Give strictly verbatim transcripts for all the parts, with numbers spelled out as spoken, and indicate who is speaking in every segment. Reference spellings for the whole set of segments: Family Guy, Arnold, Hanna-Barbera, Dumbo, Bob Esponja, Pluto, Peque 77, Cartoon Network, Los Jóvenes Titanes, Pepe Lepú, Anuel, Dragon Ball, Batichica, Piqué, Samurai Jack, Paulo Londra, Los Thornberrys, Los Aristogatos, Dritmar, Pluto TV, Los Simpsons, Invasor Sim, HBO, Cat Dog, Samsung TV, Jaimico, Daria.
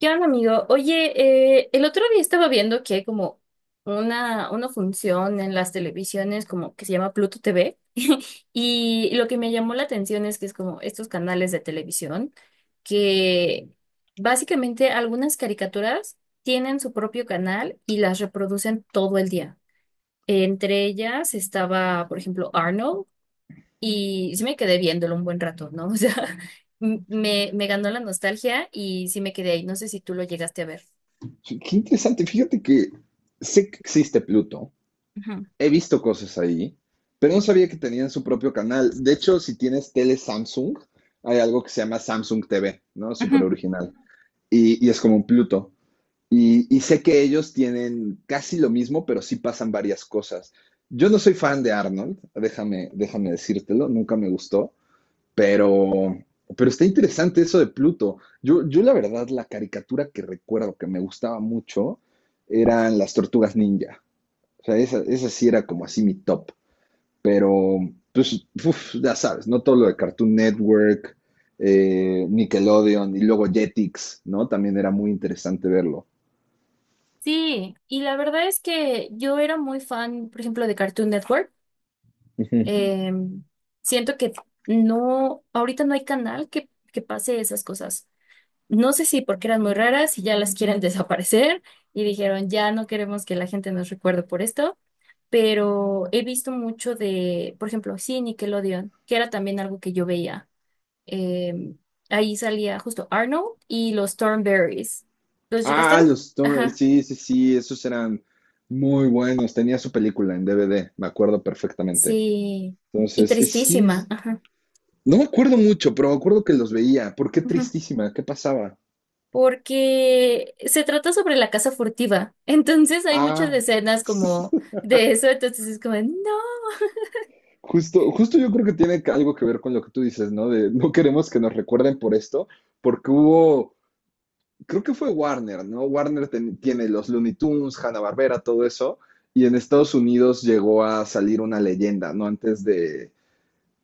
Speaker 1: ¿Qué onda, amigo? Oye, eh, el otro día estaba viendo que hay como una, una función en las televisiones como que se llama Pluto T V y lo que me llamó la atención es que es como estos canales de televisión que básicamente algunas caricaturas tienen su propio canal y las reproducen todo el día. Entre ellas estaba, por ejemplo, Arnold y sí me quedé viéndolo un buen rato, ¿no? O sea, m- me, me ganó la nostalgia y sí me quedé ahí. No sé si tú lo llegaste a ver.
Speaker 2: Sí, qué interesante. Fíjate que sé que existe Pluto.
Speaker 1: Ujú,
Speaker 2: He visto cosas ahí, pero no sabía que tenían su propio canal. De hecho, si tienes tele Samsung, hay algo que se llama Samsung T V, ¿no? Súper
Speaker 1: ujú.
Speaker 2: original. Y, y es como un Pluto. Y, y sé que ellos tienen casi lo mismo, pero sí pasan varias cosas. Yo no soy fan de Arnold, déjame, déjame decírtelo, nunca me gustó. Pero, pero está interesante eso de Pluto. Yo, yo la verdad, la caricatura que recuerdo que me gustaba mucho eran las tortugas ninja. O sea, esa, esa sí era como así mi top. Pero, pues, uf, ya sabes, no todo lo de Cartoon Network, eh, Nickelodeon y luego Jetix, ¿no? También era muy interesante verlo.
Speaker 1: Sí, y la verdad es que yo era muy fan, por ejemplo, de Cartoon Network.
Speaker 2: Ujú.
Speaker 1: Eh, siento que no, ahorita no hay canal que, que pase esas cosas. No sé si porque eran muy raras y ya las quieren desaparecer y dijeron, ya no queremos que la gente nos recuerde por esto, pero he visto mucho de, por ejemplo, sí, Nickelodeon, que era también algo que yo veía. Eh, ahí salía justo Arnold y los Thornberrys. ¿Los llegaste a
Speaker 2: Ah,
Speaker 1: ver?
Speaker 2: los Tor-
Speaker 1: Ajá.
Speaker 2: sí, sí, sí, esos eran muy buenos. Tenía su película en D V D, me acuerdo perfectamente.
Speaker 1: Sí, y
Speaker 2: Entonces, es- sí,
Speaker 1: tristísima, ajá,
Speaker 2: no me acuerdo mucho, pero me acuerdo que los veía. ¿Por qué
Speaker 1: ajá,
Speaker 2: tristísima? ¿Qué pasaba?
Speaker 1: porque se trata sobre la casa furtiva, entonces hay muchas
Speaker 2: Ah,
Speaker 1: escenas como de eso, entonces es como, no.
Speaker 2: justo, justo yo creo que tiene que- algo que ver con lo que tú dices, ¿no? De no queremos que nos recuerden por esto, porque hubo, creo que fue Warner, ¿no? Warner ten- tiene los Looney Tunes, Hanna-Barbera, todo eso, y en Estados Unidos llegó a salir una leyenda, ¿no? Antes de,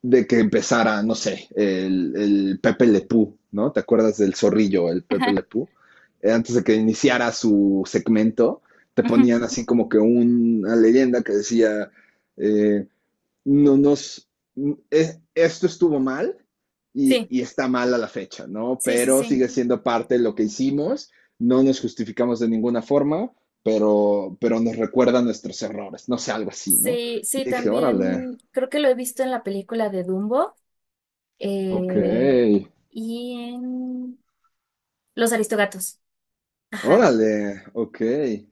Speaker 2: de que empezara, no sé, el, el Pepe Lepú, ¿no? ¿Te acuerdas del zorrillo, el Pepe
Speaker 1: Ajá,
Speaker 2: Lepú? Eh, antes de que iniciara su segmento, te
Speaker 1: ujú.
Speaker 2: ponían así como que un- una leyenda que decía, eh, no nos, es- esto estuvo mal y,
Speaker 1: Sí,
Speaker 2: y está mal a la fecha, ¿no?
Speaker 1: sí, sí,
Speaker 2: Pero
Speaker 1: sí,
Speaker 2: sigue siendo parte de lo que hicimos, no nos justificamos de ninguna forma, pero, pero nos recuerda nuestros errores, no sé, algo así, ¿no?
Speaker 1: sí, sí,
Speaker 2: Y dije, órale,
Speaker 1: también creo que lo he visto en la película de Dumbo,
Speaker 2: ok.
Speaker 1: eh, y en Los Aristogatos, ajá,
Speaker 2: Órale, ok,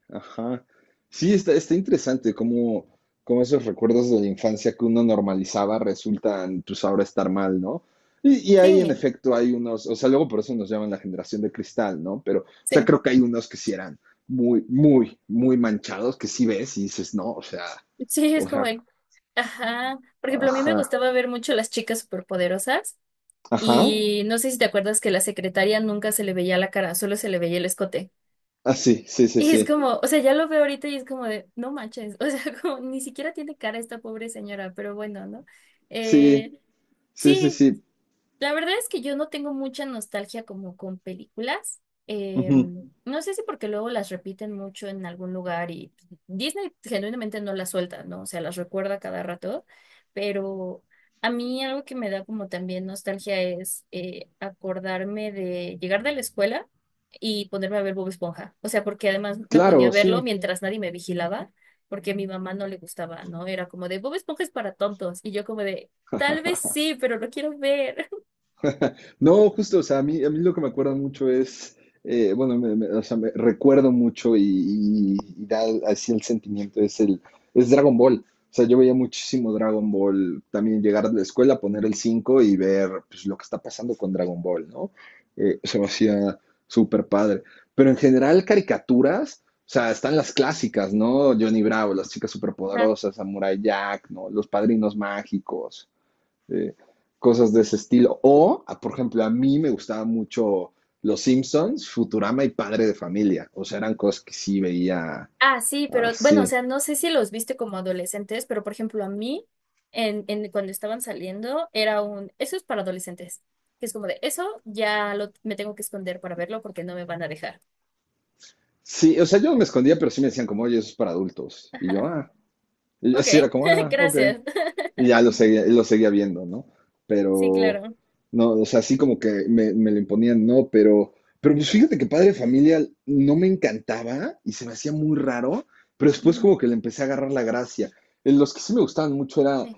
Speaker 2: ajá. Sí, está, está interesante cómo, cómo esos recuerdos de la infancia que uno normalizaba resultan, pues ahora estar mal, ¿no? Y, y ahí en
Speaker 1: sí,
Speaker 2: efecto hay unos, o sea, luego por eso nos llaman la generación de cristal, ¿no? Pero, o sea,
Speaker 1: sí,
Speaker 2: creo que hay unos que sí eran muy, muy, muy manchados, que sí ves y dices, no, o sea,
Speaker 1: sí, es
Speaker 2: o
Speaker 1: como,
Speaker 2: sea,
Speaker 1: el- ajá, por ejemplo, a mí me
Speaker 2: ajá,
Speaker 1: gustaba ver mucho Las Chicas Superpoderosas.
Speaker 2: ajá,
Speaker 1: Y no sé si te acuerdas que la secretaria nunca se le veía la cara, solo se le veía el escote.
Speaker 2: ah, sí, sí, sí,
Speaker 1: Y es
Speaker 2: sí,
Speaker 1: como, o sea, ya lo veo ahorita y es como de, no manches, o sea, como, ni siquiera tiene cara esta pobre señora, pero bueno, ¿no?
Speaker 2: sí,
Speaker 1: Eh,
Speaker 2: sí, sí,
Speaker 1: sí,
Speaker 2: sí,
Speaker 1: la verdad es que yo no tengo mucha nostalgia como con películas.
Speaker 2: ujú,
Speaker 1: Em, no sé si porque luego las repiten mucho en algún lugar y Disney genuinamente no las suelta, ¿no? O sea, las recuerda cada rato, pero a mí algo que me da como también nostalgia es eh, acordarme de llegar de la escuela y ponerme a ver Bob Esponja. O sea, porque además me ponía a
Speaker 2: claro,
Speaker 1: verlo
Speaker 2: sí.
Speaker 1: mientras nadie me vigilaba, porque a mi mamá no le gustaba, ¿no? Era como de Bob Esponja es para tontos y yo como de... Tal vez sí, pero lo quiero ver.
Speaker 2: No, justo, o sea, a mí, a mí lo que me acuerda mucho es, eh, bueno, me, me- o sea, me recuerdo mucho y, y- y da así el sentimiento, es el, es Dragon Ball. O sea, yo veía muchísimo Dragon Ball, también llegar de la escuela, poner el cinco y ver pues, lo que está pasando con Dragon Ball, ¿no? Eh, se me hacía súper padre. Pero en general, caricaturas, o sea, están las clásicas, ¿no? Johnny Bravo, las chicas
Speaker 1: Ajá.
Speaker 2: superpoderosas, Samurai Jack, ¿no? Los padrinos mágicos, eh, cosas de ese estilo. O, por ejemplo, a mí me gustaba mucho Los Simpsons, Futurama y Padre de Familia. O sea, eran cosas que sí veía
Speaker 1: Ah, sí, pero bueno, o
Speaker 2: así.
Speaker 1: sea, no sé si los viste como adolescentes, pero por ejemplo, a mí, en, en, cuando estaban saliendo, era un, eso es para adolescentes, que es como de, eso ya lo, me tengo que esconder para verlo porque no me van a dejar.
Speaker 2: Sí, o sea, yo me escondía, pero sí me decían como, oye, eso es para adultos. Y yo,
Speaker 1: Ajá.
Speaker 2: ah, y yo
Speaker 1: Ok,
Speaker 2: así era como, ah, ok.
Speaker 1: gracias.
Speaker 2: Y ya lo seguía, lo seguía viendo, ¿no?
Speaker 1: Sí,
Speaker 2: Pero,
Speaker 1: claro.
Speaker 2: no, o sea, así como que me, me lo imponían, no, pero, pero pues fíjate que Padre de Familia no me encantaba y se me hacía muy raro, pero después
Speaker 1: Ujú.
Speaker 2: como que le empecé a agarrar la gracia. Eh, Los que sí me gustaban mucho eran
Speaker 1: Sí,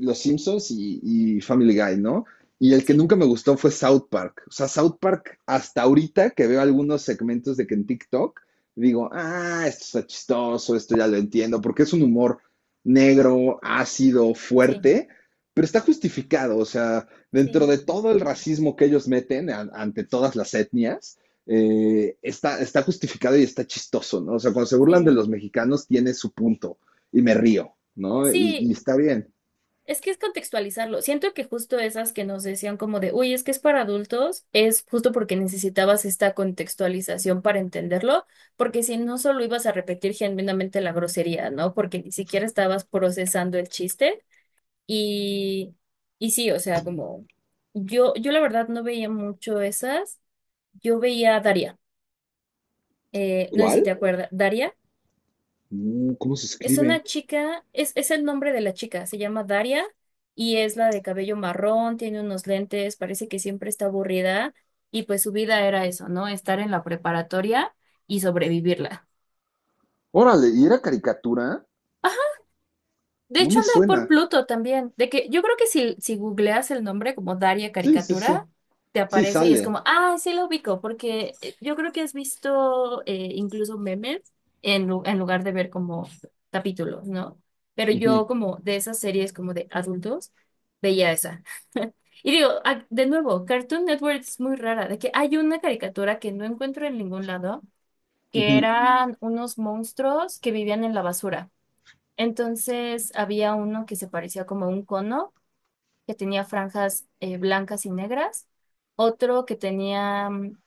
Speaker 2: Los Simpsons y, y Family Guy, ¿no? Y el que
Speaker 1: sí,
Speaker 2: nunca me gustó fue South Park. O sea, South Park, hasta ahorita que veo algunos segmentos de que en TikTok, digo, ah, esto está chistoso, esto ya lo entiendo, porque es un humor negro, ácido,
Speaker 1: sí,
Speaker 2: fuerte, pero está justificado, o sea, dentro
Speaker 1: sí,
Speaker 2: de todo el racismo que ellos meten a- ante todas las etnias, eh, está, está justificado y está chistoso, ¿no? O sea, cuando se burlan de
Speaker 1: sí.
Speaker 2: los mexicanos tiene su punto y me río, ¿no? Y,
Speaker 1: Sí,
Speaker 2: y está bien.
Speaker 1: es que es contextualizarlo. Siento que justo esas que nos decían como de, uy, es que es para adultos, es justo porque necesitabas esta contextualización para entenderlo, porque si no solo ibas a repetir genuinamente la grosería, ¿no? Porque ni siquiera estabas procesando el chiste y, y sí, o sea, como yo, yo la verdad no veía mucho esas, yo veía Daria, eh, no sé si te
Speaker 2: ¿Cuál?
Speaker 1: acuerdas, Daria.
Speaker 2: Mm, ¿cómo se
Speaker 1: Es una
Speaker 2: escribe?
Speaker 1: chica, es, es el nombre de la chica, se llama Daria y es la de cabello marrón, tiene unos lentes, parece que siempre está aburrida y pues su vida era eso, ¿no? Estar en la preparatoria y sobrevivirla.
Speaker 2: Órale, ¿y era caricatura?
Speaker 1: De
Speaker 2: No
Speaker 1: hecho,
Speaker 2: me
Speaker 1: anda por
Speaker 2: suena.
Speaker 1: Pluto también. De que yo creo que si, si googleas el nombre como Daria
Speaker 2: Sí, sí, sí.
Speaker 1: Caricatura, te
Speaker 2: Sí,
Speaker 1: aparece y es
Speaker 2: sale.
Speaker 1: como, ah, sí lo ubico, porque eh, yo creo que has visto eh, incluso memes en, lu- en lugar de ver como capítulos, ¿no? Pero
Speaker 2: Ujú,
Speaker 1: yo como de esas series como de adultos, veía esa. Y digo, ah, de nuevo, Cartoon Network es muy rara, de que hay una caricatura que no encuentro en ningún lado, que
Speaker 2: ujú.
Speaker 1: eran unos monstruos que vivían en la basura. Entonces había uno que se parecía como a un cono, que tenía franjas eh, blancas y negras, otro que tenía mm,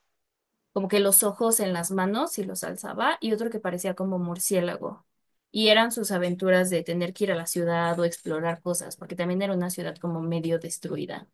Speaker 1: como que los ojos en las manos y los alzaba, y otro que parecía como murciélago. Y eran sus aventuras de tener que ir a la ciudad o explorar cosas, porque también era una ciudad como medio destruida.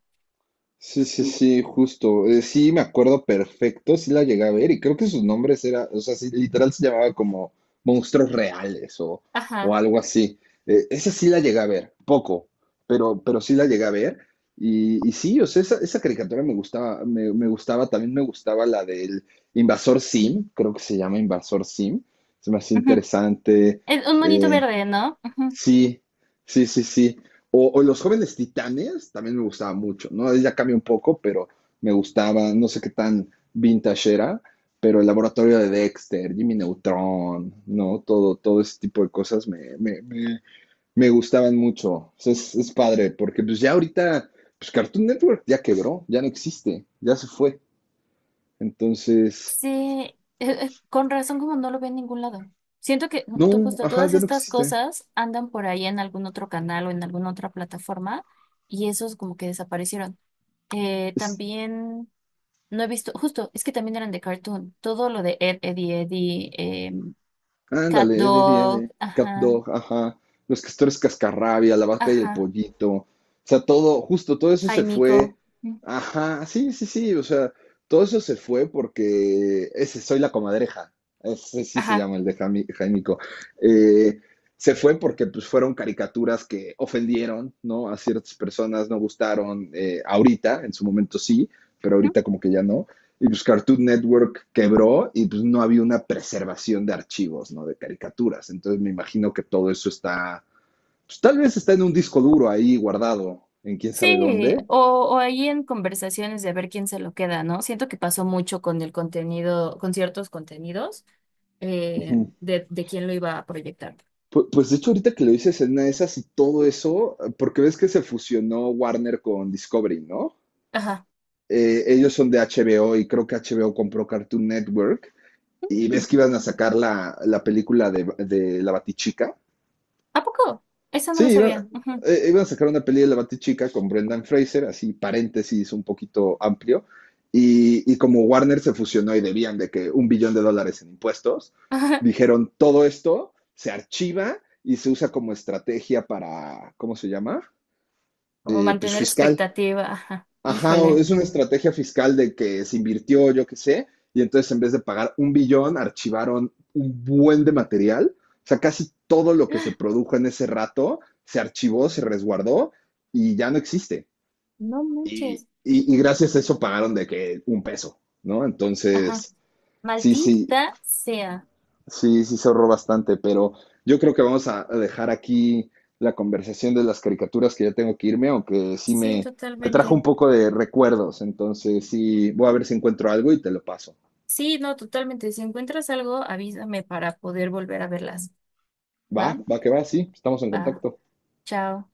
Speaker 2: Sí, sí, sí, justo. Eh, sí, me acuerdo perfecto, sí la llegué a ver y creo que sus nombres era, o sea, sí, literal se llamaba como monstruos reales o, o
Speaker 1: Ajá.
Speaker 2: algo así. Eh, esa sí la llegué a ver, poco, pero, pero sí la llegué a ver. Y, y sí, o sea, esa, esa caricatura me gustaba, me, me gustaba, también me gustaba la del Invasor Sim, creo que se llama Invasor Sim, se me hace
Speaker 1: Ujú.
Speaker 2: interesante.
Speaker 1: Es un monito
Speaker 2: Eh,
Speaker 1: verde, ¿no? Ujú.
Speaker 2: Sí, sí, sí, sí. O, o Los Jóvenes Titanes también me gustaba mucho, ¿no? Ahí ya cambia un poco, pero me gustaba, no sé qué tan vintage era, pero el laboratorio de Dexter, Jimmy Neutron, ¿no? Todo, todo ese tipo de cosas me, me, me- me gustaban mucho. O sea, es, es padre, porque pues ya ahorita, pues Cartoon Network ya quebró, ya no existe, ya se fue. Entonces,
Speaker 1: Sí, eh, eh, con razón como no lo veo en ningún lado. Siento que mm, tú
Speaker 2: no,
Speaker 1: justo
Speaker 2: ajá,
Speaker 1: todas
Speaker 2: ya no
Speaker 1: estas
Speaker 2: existe.
Speaker 1: cosas andan por ahí en algún otro canal o en alguna otra plataforma y esos como que desaparecieron. Eh, también no he visto, justo, es que también eran de cartoon, todo lo de Ed, Eddie, Eddie, em, Cat
Speaker 2: Ándale, de, de,
Speaker 1: Dog,
Speaker 2: de Cat
Speaker 1: ajá,
Speaker 2: Dog, ajá. Los castores cascarrabia, la vaca y el
Speaker 1: ajá,
Speaker 2: pollito. O sea, todo, justo todo eso se
Speaker 1: Jaimico,
Speaker 2: fue.
Speaker 1: mm,
Speaker 2: Ajá, sí, sí, sí. O sea, todo eso se fue porque ese soy la comadreja. Ese sí se
Speaker 1: ajá.
Speaker 2: llama el de Jami- Jaimico. Eh, Se fue porque pues fueron caricaturas que ofendieron, ¿no? A ciertas personas no gustaron. Eh, ahorita, en su momento sí, pero
Speaker 1: Mm,
Speaker 2: ahorita como que ya no. Y pues Cartoon Network quebró y pues no había una preservación de archivos, ¿no? De caricaturas. Entonces me imagino que todo eso está, pues tal vez está en un disco duro ahí guardado, en quién sabe
Speaker 1: sí,
Speaker 2: dónde.
Speaker 1: o, o ahí en conversaciones de ver quién se lo queda, ¿no? Siento que pasó mucho con el contenido, con ciertos contenidos eh, de, de quién lo iba a proyectar.
Speaker 2: Pues, pues de hecho ahorita que lo dices en una de esas y todo eso, porque ves que se fusionó Warner con Discovery, ¿no?
Speaker 1: Ajá.
Speaker 2: Eh, ellos son de H B O y creo que H B O compró Cartoon Network y ves que iban a sacar la, la película de, de la Batichica.
Speaker 1: ¿A poco? Eso no lo
Speaker 2: Sí, iban,
Speaker 1: sabía. Ujú.
Speaker 2: eh, iban a sacar una peli de la Batichica con Brendan Fraser, así paréntesis un poquito amplio, y, y como Warner se fusionó y debían de que un billón de dólares en impuestos,
Speaker 1: Ajá.
Speaker 2: dijeron todo esto se archiva y se usa como estrategia para, ¿cómo se llama?
Speaker 1: Como
Speaker 2: Eh, pues
Speaker 1: mantener
Speaker 2: fiscal.
Speaker 1: expectativa. Ajá.
Speaker 2: Ajá, o
Speaker 1: Híjole.
Speaker 2: es una estrategia fiscal de que se invirtió, yo qué sé, y entonces en vez de pagar un billón, archivaron un buen de material. O sea, casi todo lo que se produjo en ese rato se archivó, se resguardó y ya no existe.
Speaker 1: No manches.
Speaker 2: Y, y- y gracias a eso pagaron de que un peso, ¿no?
Speaker 1: Ajá.
Speaker 2: Entonces, sí, sí,
Speaker 1: Maldita sea.
Speaker 2: sí, sí se ahorró bastante, pero yo creo que vamos a a dejar aquí la conversación de las caricaturas que ya tengo que irme, aunque sí
Speaker 1: Sí,
Speaker 2: me, me trajo
Speaker 1: totalmente.
Speaker 2: un poco de recuerdos. Entonces, sí, voy a ver si encuentro algo y te lo paso.
Speaker 1: Sí, no, totalmente. Si encuentras algo, avísame para poder volver a verlas.
Speaker 2: Va,
Speaker 1: ¿Va?
Speaker 2: va que va, sí, estamos en
Speaker 1: Va.
Speaker 2: contacto.
Speaker 1: Chao.